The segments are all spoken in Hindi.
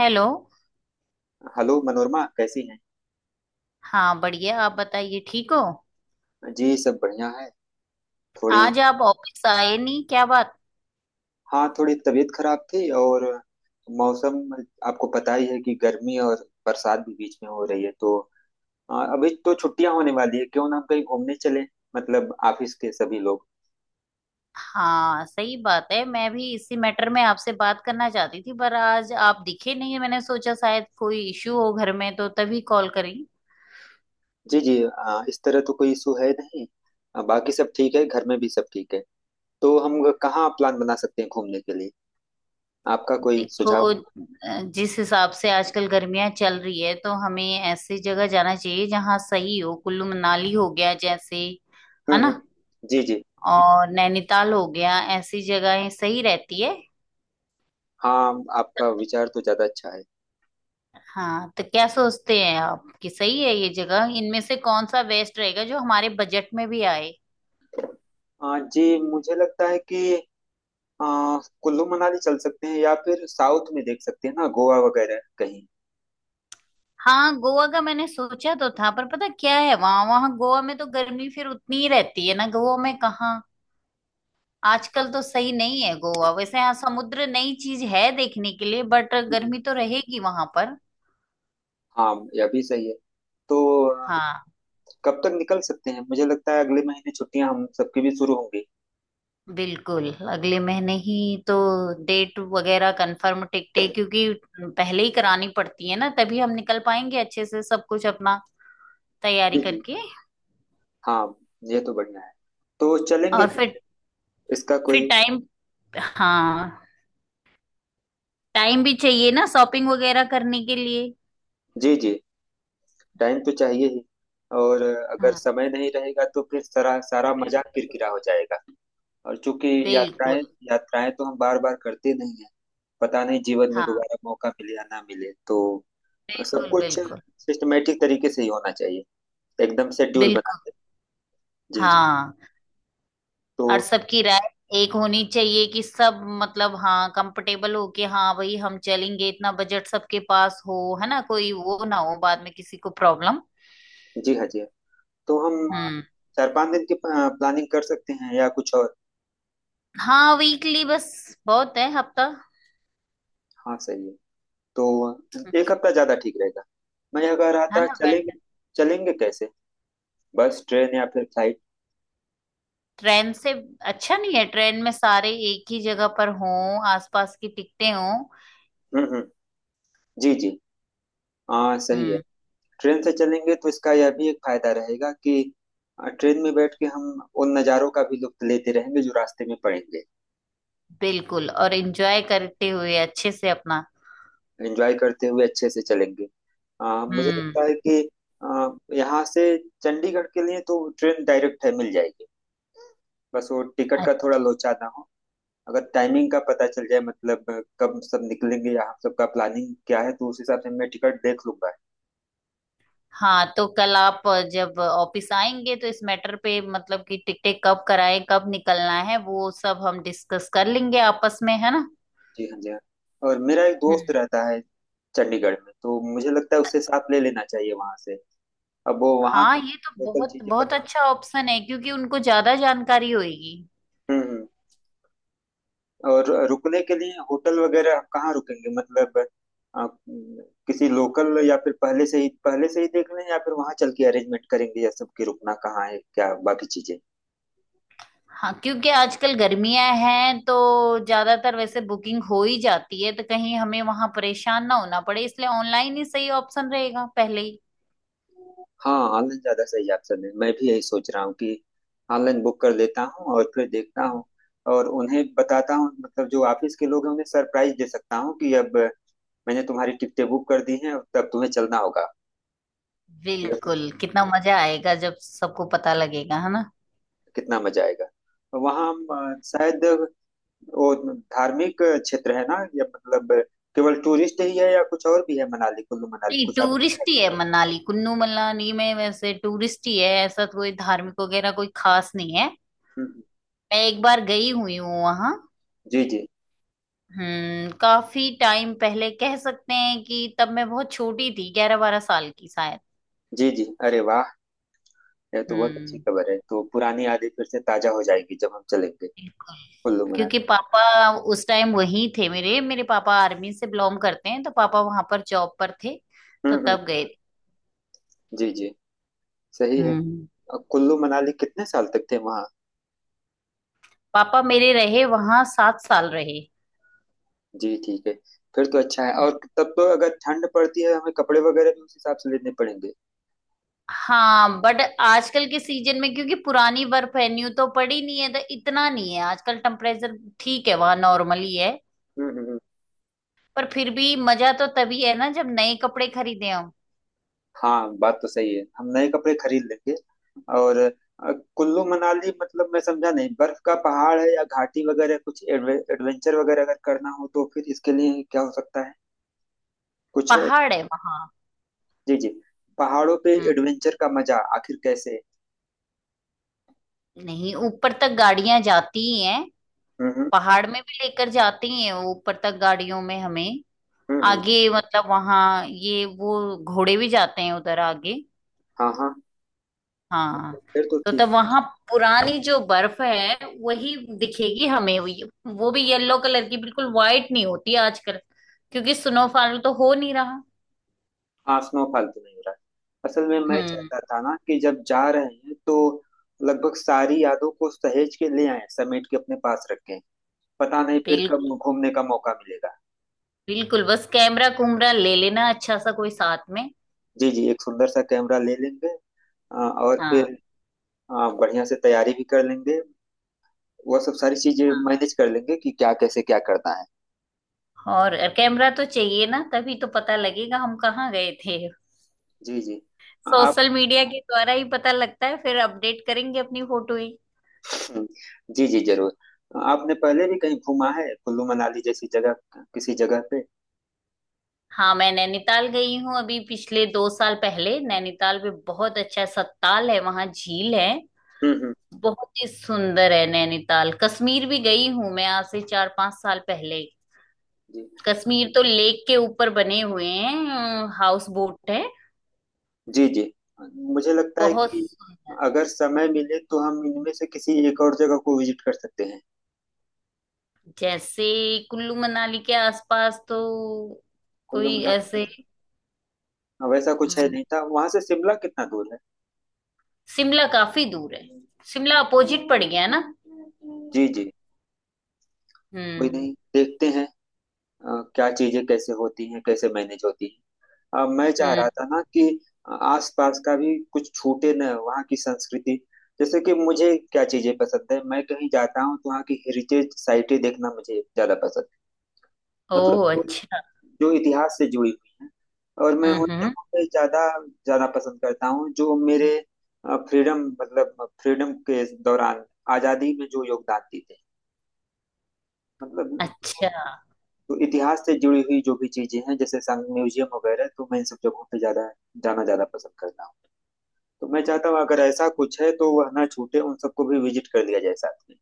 हेलो। हेलो मनोरमा, कैसी हैं? हाँ बढ़िया, आप बताइए, ठीक हो? जी सब बढ़िया है। थोड़ी। आज आप ऑफिस आए नहीं, क्या बात? हाँ, थोड़ी तबीयत खराब थी और मौसम। आपको पता ही है कि गर्मी और बरसात भी बीच में हो रही है तो। अभी तो छुट्टियां होने वाली है, क्यों ना हम कहीं घूमने चलें? मतलब ऑफिस के सभी लोग। हाँ सही बात है, मैं भी इसी मैटर में आपसे बात करना चाहती थी, पर आज आप दिखे नहीं, मैंने सोचा शायद कोई इशू हो घर में, तो तभी कॉल करी। जी जी, इस तरह तो कोई इशू है नहीं। बाकी सब ठीक है। घर में भी सब ठीक है। तो हम कहाँ प्लान बना सकते हैं घूमने के लिए? आपका कोई देखो, सुझाव? जिस हिसाब से आजकल गर्मियां चल रही है तो हमें ऐसी जगह जाना चाहिए जहाँ सही हो, कुल्लू मनाली हो गया जैसे, है हम्म, ना, जी जी। और नैनीताल हो गया, ऐसी जगहें सही रहती है। हाँ, आपका विचार तो ज्यादा अच्छा है। हाँ तो क्या सोचते हैं आप कि सही है ये जगह, इनमें से कौन सा बेस्ट रहेगा जो हमारे बजट में भी आए? हाँ जी। मुझे लगता है कि अ, कुल्लू मनाली चल सकते हैं, या फिर साउथ में देख सकते हैं ना, गोवा वगैरह कहीं। हाँ, गोवा का मैंने सोचा तो था, पर पता क्या है, वहां वहां गोवा में तो गर्मी फिर उतनी ही रहती है ना, गोवा में कहाँ हाँ। आजकल तो सही नहीं है गोवा। वैसे हाँ, समुद्र नई चीज है देखने के लिए, बट हम्म। गर्मी तो रहेगी वहां पर। हाँ, यह भी सही है। तो अ, हाँ। कब तक निकल सकते हैं? मुझे लगता है अगले महीने छुट्टियां हम सबकी भी शुरू होंगी। बिल्कुल, अगले महीने ही। तो डेट वगैरह कंफर्म, टिकटें क्योंकि पहले ही करानी पड़ती है ना, तभी हम निकल पाएंगे अच्छे से सब कुछ, अपना तैयारी जी जी। करके। हाँ, ये तो बढ़िया है। तो चलेंगे और फिर कैसे? इसका फिर कोई। टाइम, हाँ टाइम भी चाहिए ना शॉपिंग वगैरह करने के लिए। जी जी, टाइम तो चाहिए ही। और अगर हाँ। समय नहीं रहेगा तो फिर सारा सारा मजा किरकिरा हो जाएगा। और चूंकि बिल्कुल। यात्राएं यात्राएं तो हम बार बार करते नहीं है। पता नहीं जीवन में हाँ। दोबारा मौका मिले या ना मिले तो। हाँ, सब बिल्कुल कुछ बिल्कुल। सिस्टमेटिक तरीके से ही होना चाहिए। एकदम शेड्यूल बना बिल्कुल। के। जी जी। हाँ। तो और सबकी राय एक होनी चाहिए कि सब मतलब, हाँ कंफर्टेबल हो के, हाँ भाई हम चलेंगे, इतना बजट सबके पास हो, है ना, कोई वो ना हो बाद में किसी को प्रॉब्लम। जी हाँ, जी हाँ। तो हम हम्म। 4 5 दिन की प्लानिंग कर सकते हैं, या कुछ और? हाँ, वीकली बस बहुत है, हफ्ता। हाँ सही है। तो एक हफ्ता ज्यादा ठीक रहेगा। मैं यह कह रहा है था ना। चलेंगे। चलेंगे कैसे? बस, ट्रेन या फिर फ्लाइट? ट्रेन से अच्छा नहीं है, ट्रेन में सारे एक ही जगह पर हों, आसपास की टिकटें हों। हम्म हम्म, जी जी। हाँ सही है। हम्म। ट्रेन से चलेंगे तो इसका यह भी एक फायदा रहेगा कि ट्रेन में बैठ के हम उन नज़ारों का भी लुत्फ लेते रहेंगे जो रास्ते में पड़ेंगे। बिल्कुल, और एंजॉय करते हुए अच्छे से अपना। एंजॉय करते हुए अच्छे से चलेंगे। मुझे हम्म। लगता है कि आ, यहाँ से चंडीगढ़ के लिए तो ट्रेन डायरेक्ट है, मिल जाएगी। बस वो टिकट का अ- थोड़ा लोचा ना हो। अगर टाइमिंग का पता चल जाए, मतलब कब सब निकलेंगे या हम सबका प्लानिंग क्या है, तो उस हिसाब से मैं टिकट देख लूंगा। हाँ तो कल आप जब ऑफिस आएंगे तो इस मैटर पे, मतलब कि टिकटें कब कराएं, कब निकलना है, वो सब हम डिस्कस कर लेंगे आपस में, है ना। जी हाँ, जी हाँ। और मेरा एक हम्म। दोस्त रहता है चंडीगढ़ में, तो मुझे लगता है उससे साथ ले लेना चाहिए वहां से। अब वो वहां हाँ, का, ये तो लोकल बहुत चीजें बहुत पता। अच्छा ऑप्शन है, क्योंकि उनको ज्यादा जानकारी होगी। हम्म। और रुकने के लिए होटल वगैरह आप कहाँ रुकेंगे मतलब? अ, किसी लोकल, या फिर पहले से ही देख लें, या फिर वहां चल के अरेंजमेंट करेंगे, या सबकी रुकना कहाँ है, क्या बाकी चीजें? हाँ, क्योंकि आजकल गर्मियां हैं तो ज्यादातर वैसे बुकिंग हो ही जाती है, तो कहीं हमें वहां परेशान ना होना पड़े, इसलिए ऑनलाइन ही सही ऑप्शन रहेगा पहले ही। हाँ, ऑनलाइन ज्यादा सही ऑप्शन है, मैं भी यही सोच रहा हूँ कि ऑनलाइन बुक कर लेता हूँ और फिर देखता हूँ। और उन्हें बताता हूँ, मतलब जो ऑफिस के लोग हैं उन्हें सरप्राइज दे सकता हूँ कि अब मैंने तुम्हारी टिकटें बुक कर दी हैं, अब तब तुम्हें चलना होगा। मतलब बिल्कुल, कितना मजा आएगा जब सबको पता लगेगा, है ना। कितना मजा आएगा। वहाँ हम शायद वो धार्मिक क्षेत्र है ना, या मतलब केवल टूरिस्ट ही है, या कुछ और भी है? मनाली, कुल्लू मनाली नहीं, कुछ आपको है? टूरिस्ट ही है मनाली, कुल्लू मनाली में वैसे टूरिस्ट ही है, ऐसा तो कोई धार्मिक वगैरह कोई खास नहीं है। हम्म, मैं एक बार गई हुई हूँ वहां। जी जी। हम्म, काफी टाइम पहले, कह सकते हैं कि तब मैं बहुत छोटी थी, 11 12 साल की शायद। जी जी, अरे वाह। यह तो बहुत अच्छी हम्म। खबर है, तो पुरानी यादें फिर से ताजा हो जाएगी जब हम चलेंगे बिल्कुल। कुल्लू मनाली। क्योंकि पापा उस टाइम वहीं थे, मेरे मेरे पापा आर्मी से बिलोंग करते हैं, तो पापा वहां पर जॉब पर थे। तो हम्म हम्म, तब गए। जी जी। सही है। हम्म। अब कुल्लू मनाली कितने साल तक थे वहाँ? पापा मेरे रहे वहां, 7 साल रहे। जी ठीक है। फिर तो अच्छा है। और तब तो अगर ठंड पड़ती है हमें कपड़े वगैरह भी उस हिसाब से लेने पड़ेंगे। हाँ बट आजकल के सीजन में, क्योंकि पुरानी बर्फ है, न्यू तो पड़ी नहीं है, तो इतना नहीं है आजकल, टेम्परेचर ठीक है वहां, नॉर्मल ही है। हम्म। पर फिर भी मजा तो तभी है ना जब नए कपड़े खरीदे हो। हाँ बात तो सही है, हम नए कपड़े खरीद लेंगे। और कुल्लू मनाली मतलब मैं समझा नहीं, बर्फ का पहाड़ है या घाटी वगैरह? कुछ एडवेंचर वगैरह अगर करना हो तो फिर इसके लिए क्या हो सकता है? कुछ है? पहाड़ है वहां। जी जी। पहाड़ों पे हम्म। एडवेंचर का मजा आखिर कैसे? नहीं, ऊपर तक गाड़ियां जाती ही हैं, हम्म, पहाड़ में भी लेकर जाते हैं वो, ऊपर तक गाड़ियों में हमें। हम्म हम्म, आगे मतलब वहाँ ये वो, घोड़े भी जाते हैं उधर आगे। हाँ हाँ। हाँ। फिर तो तो ठीक तब है। वहाँ पुरानी जो बर्फ है वही दिखेगी हमें, वो भी येलो कलर की, बिल्कुल वाइट नहीं होती आजकल, क्योंकि स्नोफॉल तो हो नहीं रहा। हाँ, स्नोफॉल तो नहीं हो रहा है। असल में मैं हम्म। चाहता था ना कि जब जा रहे हैं तो लगभग सारी यादों को सहेज के ले आए, समेट के अपने पास रखें। पता नहीं फिर कब बिल्कुल घूमने का मौका मिलेगा। बिल्कुल, बस कैमरा कुमरा ले लेना अच्छा सा कोई साथ में। जी जी, एक सुंदर सा कैमरा ले लेंगे। और हाँ। फिर बढ़िया से तैयारी भी कर लेंगे। वह सब सारी चीजें मैनेज कर लेंगे कि क्या कैसे क्या करना है। और कैमरा तो चाहिए ना, तभी तो पता लगेगा हम कहाँ गए थे, जी जी। आप। सोशल मीडिया के द्वारा ही पता लगता है, फिर अपडेट करेंगे अपनी फोटो ही। हम्म, जी जी जरूर। आपने पहले भी कहीं घूमा है, कुल्लू मनाली जैसी जगह? किसी जगह पे? हाँ, मैं नैनीताल गई हूँ अभी, पिछले 2 साल पहले। नैनीताल में बहुत अच्छा सत्ताल है, वहाँ झील है, हम्म हम्म, बहुत ही सुंदर है नैनीताल। कश्मीर भी गई हूँ मैं, आज से 4 5 साल पहले। जी कश्मीर तो लेक के ऊपर बने हुए हैं, हाउस बोट है, जी। जी। मुझे लगता है बहुत कि सुंदर। अगर समय मिले तो हम इनमें से किसी एक और जगह को विजिट कर सकते हैं। जैसे कुल्लू मनाली के आसपास तो कुल्लू कोई मनाली का ऐसे, वैसा कुछ है नहीं, था वहां से शिमला कितना दूर है? शिमला काफी दूर है, शिमला अपोजिट पड़ गया ना। जी जी। कोई हम्म नहीं, देखते हैं। क्या चीजें कैसे होती हैं, कैसे मैनेज होती हैं। मैं चाह रहा हम्म। था ना कि आसपास का भी कुछ छूटे न, वहाँ की संस्कृति। जैसे कि मुझे क्या चीजें पसंद है, मैं कहीं जाता हूँ तो वहाँ की हेरिटेज साइटें देखना मुझे ज्यादा पसंद है। मतलब ओह जो अच्छा। जो इतिहास से जुड़ी हुई हैं, और मैं उन हम्म। जगहों पे ज्यादा जाना पसंद करता हूँ, जो मेरे फ्रीडम मतलब फ्रीडम के दौरान, आजादी में जो योगदान देते हैं, मतलब अच्छा। तो इतिहास से जुड़ी हुई जो भी चीजें हैं, जैसे संग म्यूजियम वगैरह, तो मैं इन सब जगहों पे ज्यादा जाना ज्यादा पसंद करता हूँ। तो मैं चाहता हूँ अगर ऐसा कुछ है तो वह ना छूटे, उन सबको भी विजिट कर लिया जाए साथ में।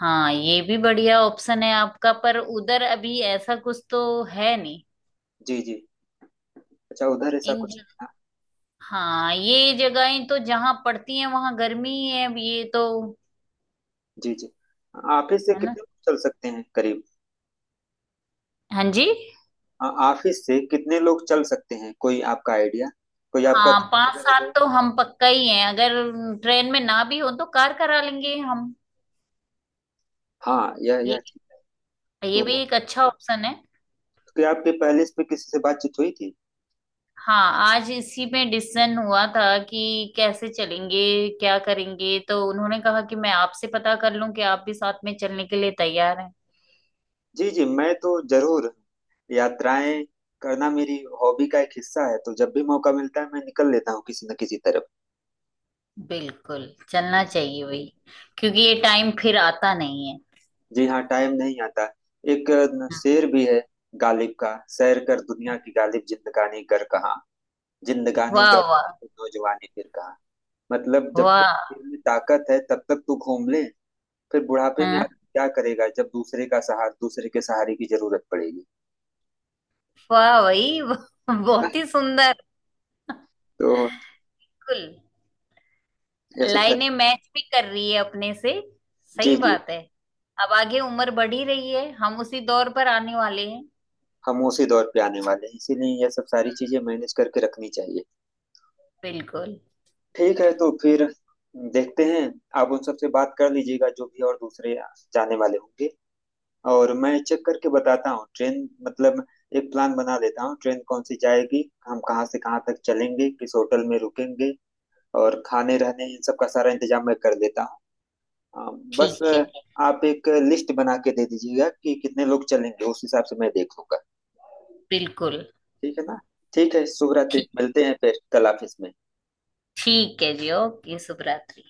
हाँ, ये भी बढ़िया ऑप्शन है आपका, पर उधर अभी ऐसा कुछ तो है नहीं। जी जी। अच्छा उधर ऐसा इन कुछ जग... है ना? हाँ, ये जगहें तो जहाँ पड़ती हैं वहां गर्मी ही है, अब ये तो। जी जी। ऑफिस से है ना। कितने लोग चल सकते हैं करीब? हाँ जी। ऑफिस से कितने लोग चल सकते हैं, कोई आपका आइडिया? कोई आपका हाँ, दोस्त पांच वगैरह सात जो। तो हम पक्का ही हैं, अगर ट्रेन में ना भी हो तो कार करा लेंगे हम। हाँ, यह ये ठीक है। भी, ये भी तो एक अच्छा ऑप्शन है। तो क्या आपके पहले इस पे किसी से बातचीत हुई थी? हाँ, आज इसी में डिसीजन हुआ था कि कैसे चलेंगे, क्या करेंगे, तो उन्होंने कहा कि मैं आपसे पता कर लूं कि आप भी साथ में चलने के लिए तैयार हैं। जी जी, मैं तो जरूर यात्राएं करना मेरी हॉबी का एक हिस्सा है, तो जब भी मौका मिलता है मैं निकल लेता हूँ किसी न किसी तरफ। बिल्कुल, चलना चाहिए वही, क्योंकि ये टाइम फिर आता नहीं है। जी हाँ, टाइम नहीं आता। एक न, हम्म। शेर भी है गालिब का — सैर कर दुनिया की गालिब, जिंदगानी कर कहाँ, जिंदगानी वाह कर वाह। नौजवानी फिर कहाँ। मतलब जब तक वाह। शरीर में ताकत है तब तक तू घूम ले। फिर बुढ़ापे में हाँ, आदमी क्या करेगा जब दूसरे का सहारा दूसरे के सहारे की जरूरत पड़ेगी। वाह वही, ना? बहुत ही सुंदर। तो बिल्कुल। ये सब लाइनें सारी— मैच भी कर रही है अपने से, जी सही जी। बात है। अब आगे उम्र बढ़ी रही है, हम उसी दौर पर आने वाले हैं। हम उसी दौर पे आने वाले हैं, इसीलिए यह सब सारी चीजें मैनेज करके रखनी चाहिए। बिल्कुल। ठीक है, तो फिर देखते हैं। आप उन सबसे बात कर लीजिएगा जो भी और दूसरे जाने वाले होंगे, और मैं चेक करके बताता हूँ, ट्रेन मतलब एक प्लान बना लेता हूँ, ट्रेन कौन सी जाएगी, हम कहाँ से कहाँ तक चलेंगे, किस होटल में रुकेंगे, और खाने रहने इन सब का सारा इंतजाम मैं कर देता हूँ। अ, बस ठीक है। आप एक लिस्ट बना के दे दीजिएगा कि कितने लोग चलेंगे, उस हिसाब से मैं देख लूंगा। बिल्कुल। ठीक है ना। ठीक है, शुभ रात्रि। ठीक। मिलते हैं फिर कल ऑफिस में। ठीक है जी, ओके, शुभ रात्रि।